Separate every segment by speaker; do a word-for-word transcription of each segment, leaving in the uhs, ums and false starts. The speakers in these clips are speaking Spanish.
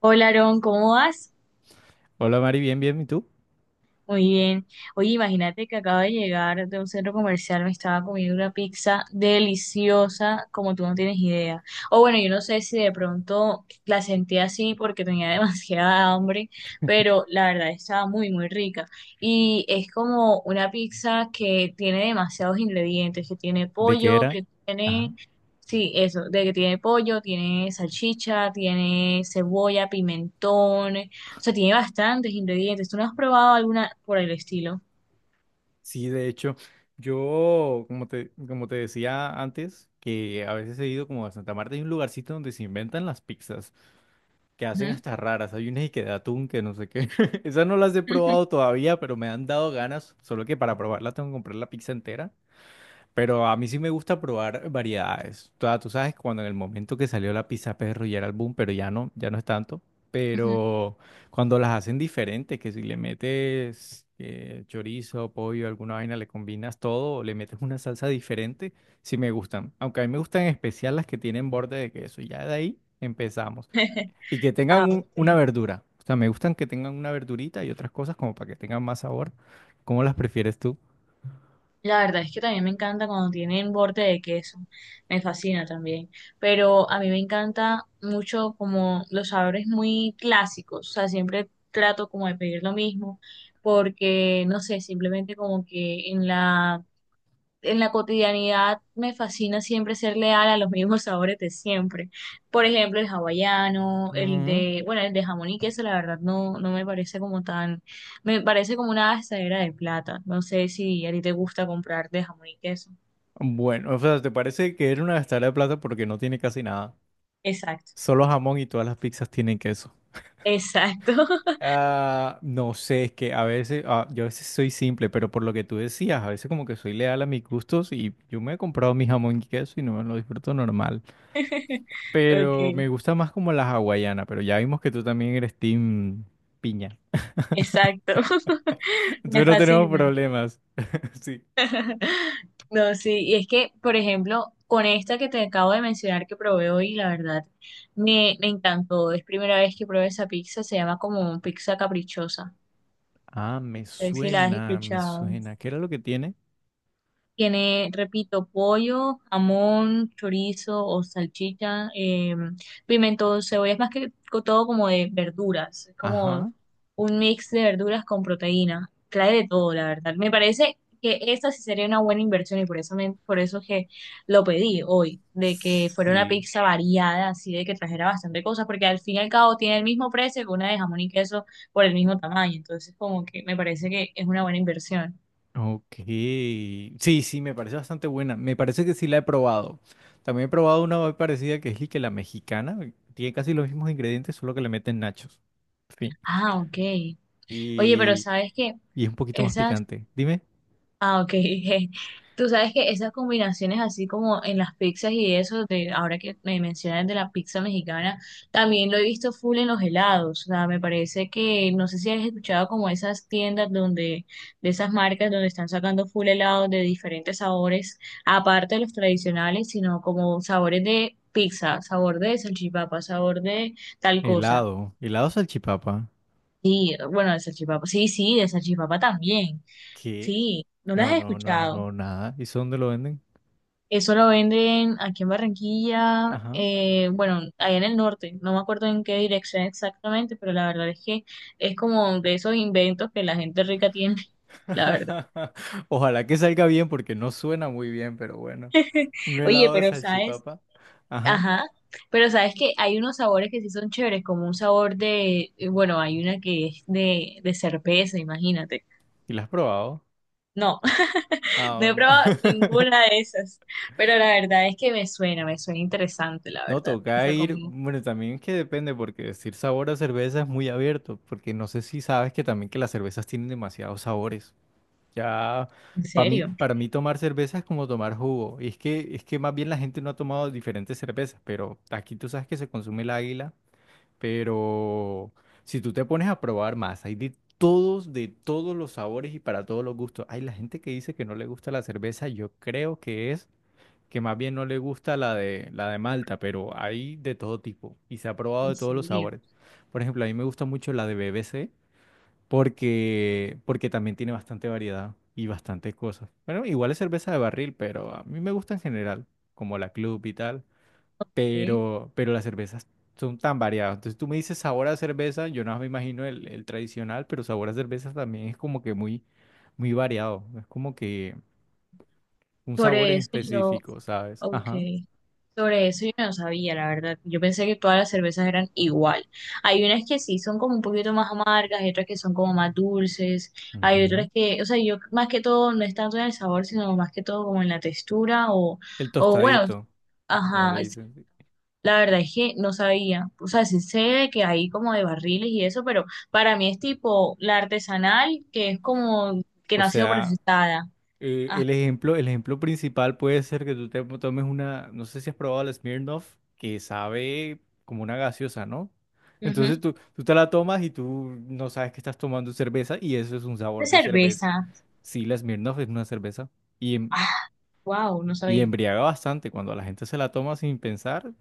Speaker 1: Hola, Aarón, ¿cómo vas?
Speaker 2: Hola Mari, bien, bien, ¿y tú?
Speaker 1: Muy bien. Oye, imagínate que acabo de llegar de un centro comercial, me estaba comiendo una pizza deliciosa, como tú no tienes idea. O bueno, yo no sé si de pronto la sentí así porque tenía demasiada hambre, pero la verdad estaba muy, muy rica. Y es como una pizza que tiene demasiados ingredientes, que tiene
Speaker 2: ¿De qué
Speaker 1: pollo,
Speaker 2: era?
Speaker 1: que
Speaker 2: Ajá.
Speaker 1: tiene... Sí, eso, de que tiene pollo, tiene salchicha, tiene cebolla, pimentón. O sea, tiene bastantes ingredientes. ¿Tú no has probado alguna por el estilo?
Speaker 2: Sí, de hecho, yo, como te, como te decía antes, que a veces he ido como a Santa Marta, hay un lugarcito donde se inventan las pizzas, que hacen
Speaker 1: Ujú,
Speaker 2: hasta raras, hay unas y que de atún, que no sé qué. Esas no las he
Speaker 1: ujú.
Speaker 2: probado todavía, pero me han dado ganas, solo que para probarla tengo que comprar la pizza entera. Pero a mí sí me gusta probar variedades. O tú sabes, cuando en el momento que salió la pizza perro ya era el boom, pero ya no, ya no es tanto.
Speaker 1: Ujú.
Speaker 2: Pero cuando las hacen diferentes, que si le metes eh, chorizo, pollo, alguna vaina, le combinas todo, o le metes una salsa diferente, sí me gustan. Aunque a mí me gustan en especial las que tienen borde de queso. Ya de ahí empezamos. Y que tengan
Speaker 1: Ah,
Speaker 2: un- una
Speaker 1: ok.
Speaker 2: verdura. O sea, me gustan que tengan una verdurita y otras cosas como para que tengan más sabor. ¿Cómo las prefieres tú?
Speaker 1: La verdad es que también me encanta cuando tienen borde de queso. Me fascina también. Pero a mí me encanta mucho como los sabores muy clásicos. O sea, siempre trato como de pedir lo mismo porque, no sé, simplemente como que en la en la cotidianidad me fascina siempre ser leal a los mismos sabores de siempre. Por ejemplo, el hawaiano, el de, bueno, el de jamón y queso, la verdad no, no me parece como tan, me parece como una gastadera de plata. No sé si a ti te gusta comprar de jamón y queso.
Speaker 2: Bueno, o sea, ¿te parece que era una gastada de plata porque no tiene casi nada?
Speaker 1: Exacto,
Speaker 2: Solo jamón y todas las pizzas tienen queso.
Speaker 1: exacto.
Speaker 2: Ah, no sé, es que a veces, ah, yo a veces soy simple, pero por lo que tú decías, a veces como que soy leal a mis gustos y yo me he comprado mi jamón y queso y no me lo disfruto normal. Pero
Speaker 1: Ok,
Speaker 2: me gusta más como la hawaiana, pero ya vimos que tú también eres team piña.
Speaker 1: exacto. Me
Speaker 2: Entonces no tenemos
Speaker 1: fascina.
Speaker 2: problemas. Sí.
Speaker 1: No, sí, y es que, por ejemplo, con esta que te acabo de mencionar que probé hoy, la verdad, me, me encantó. Es primera vez que probé esa pizza, se llama como pizza caprichosa.
Speaker 2: Ah, me
Speaker 1: A ver si la has
Speaker 2: suena, me
Speaker 1: escuchado.
Speaker 2: suena. ¿Qué era lo que tiene?
Speaker 1: Tiene, repito, pollo, jamón, chorizo o salchicha, eh, pimentón, cebolla, es más que co- todo como de verduras, es como
Speaker 2: Ajá.
Speaker 1: un mix de verduras con proteína. Trae de todo, la verdad. Me parece que esta sí sería una buena inversión y por eso, me, por eso que lo pedí hoy, de que fuera una
Speaker 2: Sí.
Speaker 1: pizza variada, así de que trajera bastante cosas, porque al fin y al cabo tiene el mismo precio que una de jamón y queso por el mismo tamaño, entonces como que me parece que es una buena inversión.
Speaker 2: Ok. Sí, sí, me parece bastante buena. Me parece que sí la he probado. También he probado una muy parecida que es y que la mexicana. Tiene casi los mismos ingredientes, solo que le meten nachos. Fin.
Speaker 1: Ah, ok. Oye, pero
Speaker 2: Y,
Speaker 1: sabes que
Speaker 2: y es un poquito más
Speaker 1: esas,
Speaker 2: picante. Dime,
Speaker 1: ah, ok, je. Tú sabes que esas combinaciones así como en las pizzas y eso, de ahora que me mencionas de la pizza mexicana, también lo he visto full en los helados, o sea, me parece que, no sé si has escuchado como esas tiendas donde, de esas marcas donde están sacando full helados de diferentes sabores, aparte de los tradicionales, sino como sabores de pizza, sabor de salchipapa, sabor de tal cosa.
Speaker 2: helado. Helado salchipapa.
Speaker 1: Sí, bueno, de salchipapa, sí, sí, de salchipapa también.
Speaker 2: ¿Qué?
Speaker 1: Sí, no las
Speaker 2: No,
Speaker 1: he
Speaker 2: no, no,
Speaker 1: escuchado.
Speaker 2: no, nada. ¿Y eso dónde lo venden?
Speaker 1: Eso lo venden aquí en Barranquilla,
Speaker 2: Ajá.
Speaker 1: eh, bueno, allá en el norte, no me acuerdo en qué dirección exactamente, pero la verdad es que es como de esos inventos que la gente rica tiene, la verdad.
Speaker 2: Ojalá que salga bien porque no suena muy bien, pero bueno. Un
Speaker 1: Oye,
Speaker 2: helado de
Speaker 1: pero sabes,
Speaker 2: salchipapa. Ajá.
Speaker 1: ajá, pero sabes que hay unos sabores que sí son chéveres, como un sabor de, eh, bueno, hay una que es de, de cerveza, imagínate.
Speaker 2: ¿Y lo has probado?
Speaker 1: No,
Speaker 2: Ah,
Speaker 1: no he
Speaker 2: bueno.
Speaker 1: probado ninguna de esas, pero la verdad es que me suena, me suena interesante, la
Speaker 2: No,
Speaker 1: verdad,
Speaker 2: toca
Speaker 1: esa
Speaker 2: ir,
Speaker 1: comida.
Speaker 2: bueno, también es que depende, porque decir sabor a cerveza es muy abierto, porque no sé si sabes que también que las cervezas tienen demasiados sabores. Ya,
Speaker 1: ¿En
Speaker 2: para mí,
Speaker 1: serio?
Speaker 2: para mí tomar cerveza es como tomar jugo. Y es que, es que más bien la gente no ha tomado diferentes cervezas, pero aquí tú sabes que se consume el águila, pero si tú te pones a probar más, hay de todos, de todos los sabores y para todos los gustos. Hay la gente que dice que no le gusta la cerveza, yo creo que es que más bien no le gusta la de, la de Malta, pero hay de todo tipo y se ha probado
Speaker 1: En
Speaker 2: de todos los
Speaker 1: serio,
Speaker 2: sabores. Por ejemplo, a mí me gusta mucho la de B B C porque, porque también tiene bastante variedad y bastantes cosas. Bueno, igual es cerveza de barril, pero a mí me gusta en general, como la Club y tal,
Speaker 1: ok.
Speaker 2: pero, pero las cervezas son tan variadas. Entonces tú me dices sabor a cerveza, yo no me imagino el, el tradicional, pero sabor a cerveza también es como que muy, muy variado. Es como que un sabor
Speaker 1: Sobre
Speaker 2: en
Speaker 1: eso yo,
Speaker 2: específico, ¿sabes?
Speaker 1: ok.
Speaker 2: Ajá.
Speaker 1: Sobre eso yo no sabía, la verdad. Yo pensé que todas las cervezas eran igual. Hay unas que sí son como un poquito más amargas, hay otras que son como más dulces, hay otras
Speaker 2: Ujú.
Speaker 1: que, o sea, yo más que todo no es tanto en el sabor, sino más que todo como en la textura o,
Speaker 2: El
Speaker 1: o bueno,
Speaker 2: tostadito, como le
Speaker 1: ajá, es-
Speaker 2: dicen. Sí.
Speaker 1: la verdad es que no sabía. O sea, sí sé de que hay como de barriles y eso, pero para mí es tipo la artesanal, que es como que
Speaker 2: O
Speaker 1: no ha sido
Speaker 2: sea,
Speaker 1: procesada.
Speaker 2: eh, el ejemplo, el ejemplo principal puede ser que tú te tomes una, no sé si has probado la Smirnoff, que sabe como una gaseosa, ¿no? Entonces
Speaker 1: Ajá.
Speaker 2: tú, tú te la tomas y tú no sabes que estás tomando cerveza y eso es un
Speaker 1: De
Speaker 2: sabor de cerveza.
Speaker 1: cerveza.
Speaker 2: Sí, la Smirnoff es una cerveza y, em-
Speaker 1: Ah, wow, no
Speaker 2: y
Speaker 1: sabía.
Speaker 2: embriaga bastante. Cuando la gente se la toma sin pensar,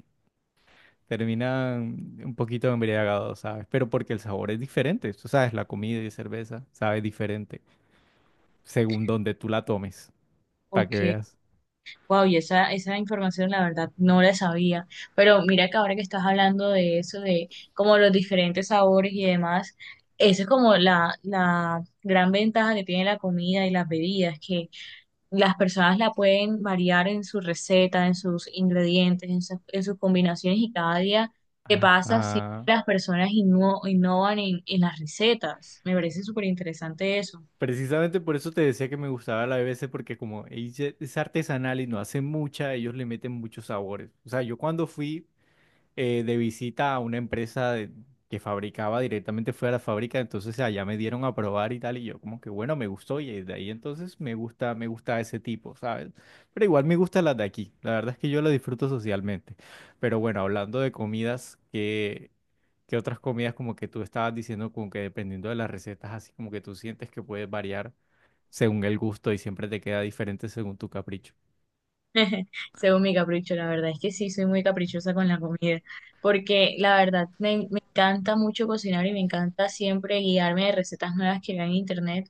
Speaker 2: terminan un poquito embriagados, ¿sabes? Pero porque el sabor es diferente. Tú sabes, la comida y cerveza sabe diferente. Según donde tú la tomes, para
Speaker 1: Ok.
Speaker 2: que veas.
Speaker 1: Wow, y esa, esa información la verdad no la sabía. Pero mira que ahora que estás hablando de eso, de como los diferentes sabores y demás, esa es como la, la gran ventaja que tiene la comida y las bebidas, que las personas la pueden variar en su receta, en sus ingredientes, en sus, en sus combinaciones y cada día que pasa siempre
Speaker 2: Ajá.
Speaker 1: las personas inno- innovan en, en las recetas. Me parece súper interesante eso.
Speaker 2: Precisamente por eso te decía que me gustaba la B B C porque como ella es artesanal y no hace mucha, ellos le meten muchos sabores. O sea, yo cuando fui eh, de visita a una empresa de- que fabricaba directamente, fue a la fábrica, entonces allá me dieron a probar y tal, y yo como que bueno, me gustó, y de ahí entonces me gusta, me gusta ese tipo, ¿sabes? Pero igual me gustan las de aquí, la verdad es que yo lo disfruto socialmente. Pero bueno, hablando de comidas, ¿qué otras comidas como que tú estabas diciendo como que dependiendo de las recetas, así como que tú sientes que puedes variar según el gusto y siempre te queda diferente según tu capricho?
Speaker 1: Según mi capricho, la verdad es que sí, soy muy caprichosa con la comida, porque la verdad me, me encanta mucho cocinar y me encanta siempre guiarme de recetas nuevas que vean en internet,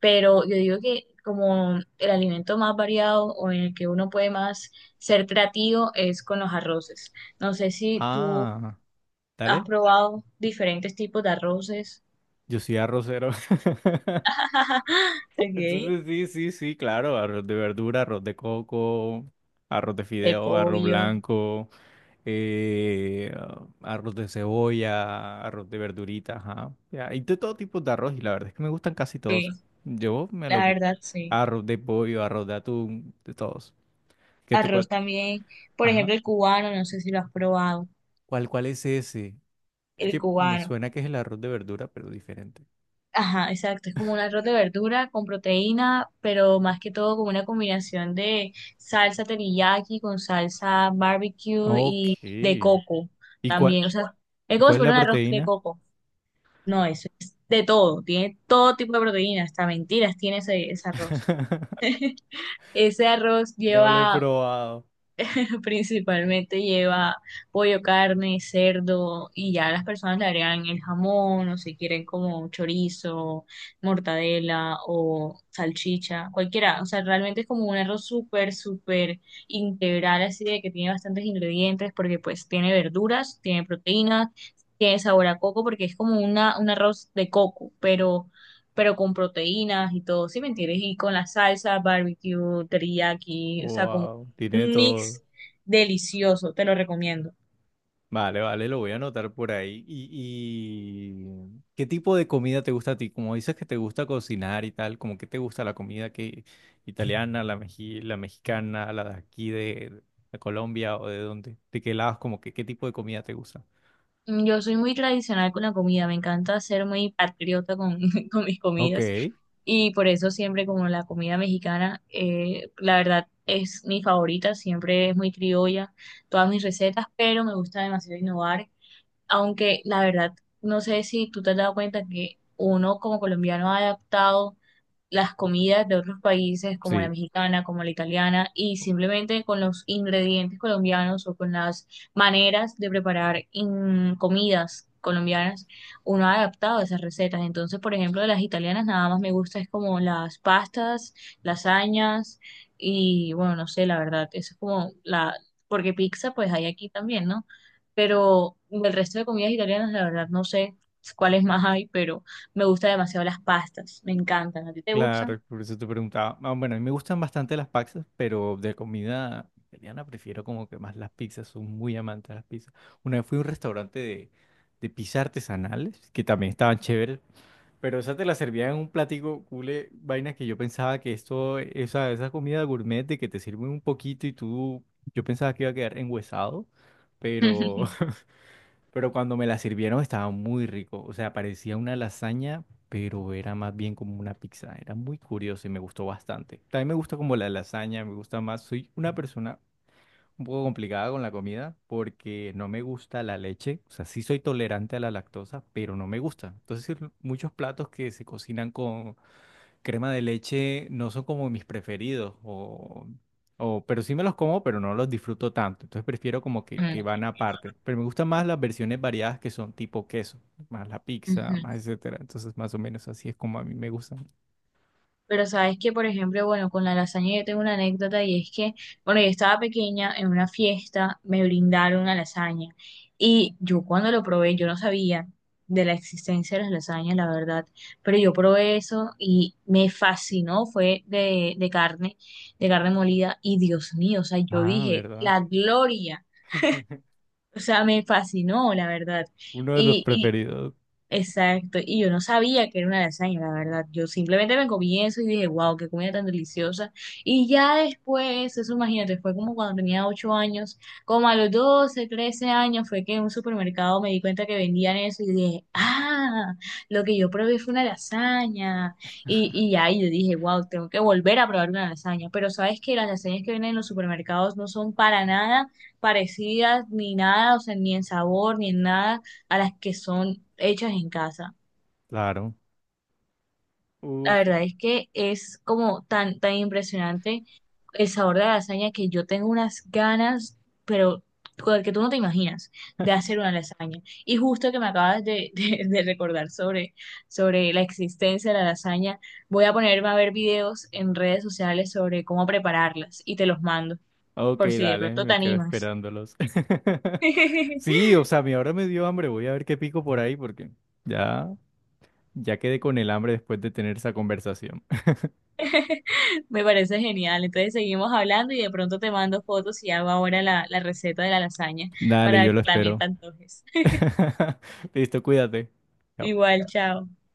Speaker 1: pero yo digo que como el alimento más variado o en el que uno puede más ser creativo es con los arroces. No sé si tú
Speaker 2: Ah,
Speaker 1: has
Speaker 2: dale.
Speaker 1: probado diferentes tipos de arroces.
Speaker 2: Yo soy arrocero.
Speaker 1: Okay.
Speaker 2: Entonces sí, sí, sí, claro, arroz de verdura, arroz de coco, arroz de
Speaker 1: De
Speaker 2: fideo, arroz
Speaker 1: pollo,
Speaker 2: blanco, eh, arroz de cebolla, arroz de verduritas, ajá. Ya, y de todo tipo de arroz y la verdad es que me gustan casi
Speaker 1: sí,
Speaker 2: todos. Yo me lo...
Speaker 1: la
Speaker 2: gu-
Speaker 1: verdad sí.
Speaker 2: Arroz de pollo, arroz de atún, de todos. ¿Qué te
Speaker 1: Arroz
Speaker 2: cuál?
Speaker 1: también, por
Speaker 2: Ajá.
Speaker 1: ejemplo, el cubano, no sé si lo has probado.
Speaker 2: ¿Cuál, cuál es ese? Es
Speaker 1: El
Speaker 2: que me
Speaker 1: cubano.
Speaker 2: suena que es el arroz de verdura, pero diferente.
Speaker 1: Ajá, exacto. Es como un arroz de verdura con proteína, pero más que todo con una combinación de salsa teriyaki con salsa barbecue
Speaker 2: Ok.
Speaker 1: y de
Speaker 2: ¿Y
Speaker 1: coco
Speaker 2: cuál,
Speaker 1: también. O sea, es
Speaker 2: y
Speaker 1: como si
Speaker 2: cuál es
Speaker 1: fuera
Speaker 2: la
Speaker 1: un arroz de
Speaker 2: proteína?
Speaker 1: coco. No, eso es de todo. Tiene todo tipo de proteínas, hasta mentiras tiene ese, ese arroz. Ese arroz
Speaker 2: No lo he
Speaker 1: lleva
Speaker 2: probado.
Speaker 1: principalmente lleva pollo, carne, cerdo y ya las personas le agregan el jamón o si quieren como chorizo, mortadela o salchicha, cualquiera. O sea, realmente es como un arroz súper, súper integral, así de que tiene bastantes ingredientes porque pues tiene verduras, tiene proteínas, tiene sabor a coco porque es como una, un arroz de coco, pero pero con proteínas y todo, ¿sí me entiendes? Y con la salsa, barbecue, teriyaki, o sea, como
Speaker 2: Wow, tiene
Speaker 1: un
Speaker 2: todo.
Speaker 1: mix delicioso, te lo recomiendo.
Speaker 2: Vale, vale, lo voy a anotar por ahí. ¿Y, y qué tipo de comida te gusta a ti? Como dices que te gusta cocinar y tal, como que te gusta la comida que italiana, la meji- la mexicana, la de aquí de, de Colombia o de dónde? ¿De qué lados? ¿Como que qué tipo de comida te gusta?
Speaker 1: Mm, yo soy muy tradicional con la comida, me encanta ser muy patriota con, con mis
Speaker 2: Ok,
Speaker 1: comidas y por eso siempre como la comida mexicana, eh, la verdad es mi favorita, siempre es muy criolla, todas mis recetas, pero me gusta demasiado innovar, aunque la verdad no sé si tú te has dado cuenta que uno como colombiano ha adaptado las comidas de otros países como la
Speaker 2: sí.
Speaker 1: mexicana, como la italiana, y simplemente con los ingredientes colombianos o con las maneras de preparar in- comidas colombianas, uno ha adaptado esas recetas. Entonces, por ejemplo, de las italianas nada más me gusta es como las pastas, lasañas y bueno, no sé, la verdad, eso es como la, porque pizza pues hay aquí también, ¿no? Pero del resto de comidas italianas, la verdad, no sé cuáles más hay, pero... Me gustan demasiado las pastas, me encantan. ¿A ti te gustan?
Speaker 2: Claro, por eso te preguntaba. Ah, bueno, a mí me gustan bastante las pizzas, pero de comida italiana prefiero como que más las pizzas, soy muy amante de las pizzas. Una vez fui a un restaurante de, de pizzas artesanales, que también estaban chéveres, pero esa te la servían en un platico cule, vainas que yo pensaba que esto, esa, esa comida gourmet de que te sirven un poquito y tú, yo pensaba que iba a quedar enguesado, pero pero cuando me la sirvieron estaba muy rico. O sea, parecía una lasaña, pero era más bien como una pizza. Era muy curioso y me gustó bastante. También me gusta como la lasaña, me gusta más. Soy una persona un poco complicada con la comida porque no me gusta la leche. O sea, sí soy tolerante a la lactosa, pero no me gusta. Entonces, muchos platos que se cocinan con crema de leche no son como mis preferidos, o, o, pero sí me los como, pero no los disfruto tanto. Entonces prefiero como que, que van aparte. Pero me gustan más las versiones variadas que son tipo queso, más la pizza,
Speaker 1: Ujú.
Speaker 2: más etcétera. Entonces más o menos así es como a mí me gustan.
Speaker 1: Pero sabes que, por ejemplo, bueno, con la lasaña yo tengo una anécdota y es que, bueno, yo estaba pequeña en una fiesta, me brindaron una lasaña y yo cuando lo probé, yo no sabía de la existencia de las lasañas, la verdad, pero yo probé eso y me fascinó, fue de, de carne, de carne molida y Dios mío, o sea, yo
Speaker 2: Ah,
Speaker 1: dije,
Speaker 2: ¿verdad?
Speaker 1: la gloria, o sea, me fascinó, la verdad.
Speaker 2: Uno de los preferidos,
Speaker 1: Exacto, y yo no sabía que era una lasaña, la verdad. Yo simplemente me comí eso y dije, wow, qué comida tan deliciosa. Y ya después, eso imagínate, fue como cuando tenía ocho años, como a los doce trece años, fue que en un supermercado me di cuenta que vendían eso y dije, ah, lo que yo probé fue una lasaña. Y, y ya, y yo dije, wow, tengo que volver a probar una lasaña. Pero sabes que las lasañas que vienen en los supermercados no son para nada parecidas ni nada, o sea, ni en sabor, ni en nada a las que son hechas en casa.
Speaker 2: claro.
Speaker 1: La
Speaker 2: Uf.
Speaker 1: verdad es que es como tan, tan impresionante el sabor de la lasaña que yo tengo unas ganas, pero con el que tú no te imaginas, de hacer una lasaña. Y justo que me acabas de, de- de recordar sobre, sobre la existencia de la lasaña, voy a ponerme a ver videos en redes sociales sobre cómo prepararlas y te los mando,
Speaker 2: Ok,
Speaker 1: por si de
Speaker 2: dale,
Speaker 1: pronto te
Speaker 2: me quedo
Speaker 1: animas.
Speaker 2: esperándolos. Sí, o sea, mi ahora me dio hambre. Voy a ver qué pico por ahí porque ya, ya quedé con el hambre después de tener esa conversación.
Speaker 1: Me parece genial. Entonces seguimos hablando y de pronto te mando fotos y hago ahora la, la receta de la lasaña
Speaker 2: Dale,
Speaker 1: para
Speaker 2: yo
Speaker 1: que
Speaker 2: lo
Speaker 1: también
Speaker 2: espero.
Speaker 1: te antojes.
Speaker 2: Listo, cuídate. Chao.
Speaker 1: Igual, chao.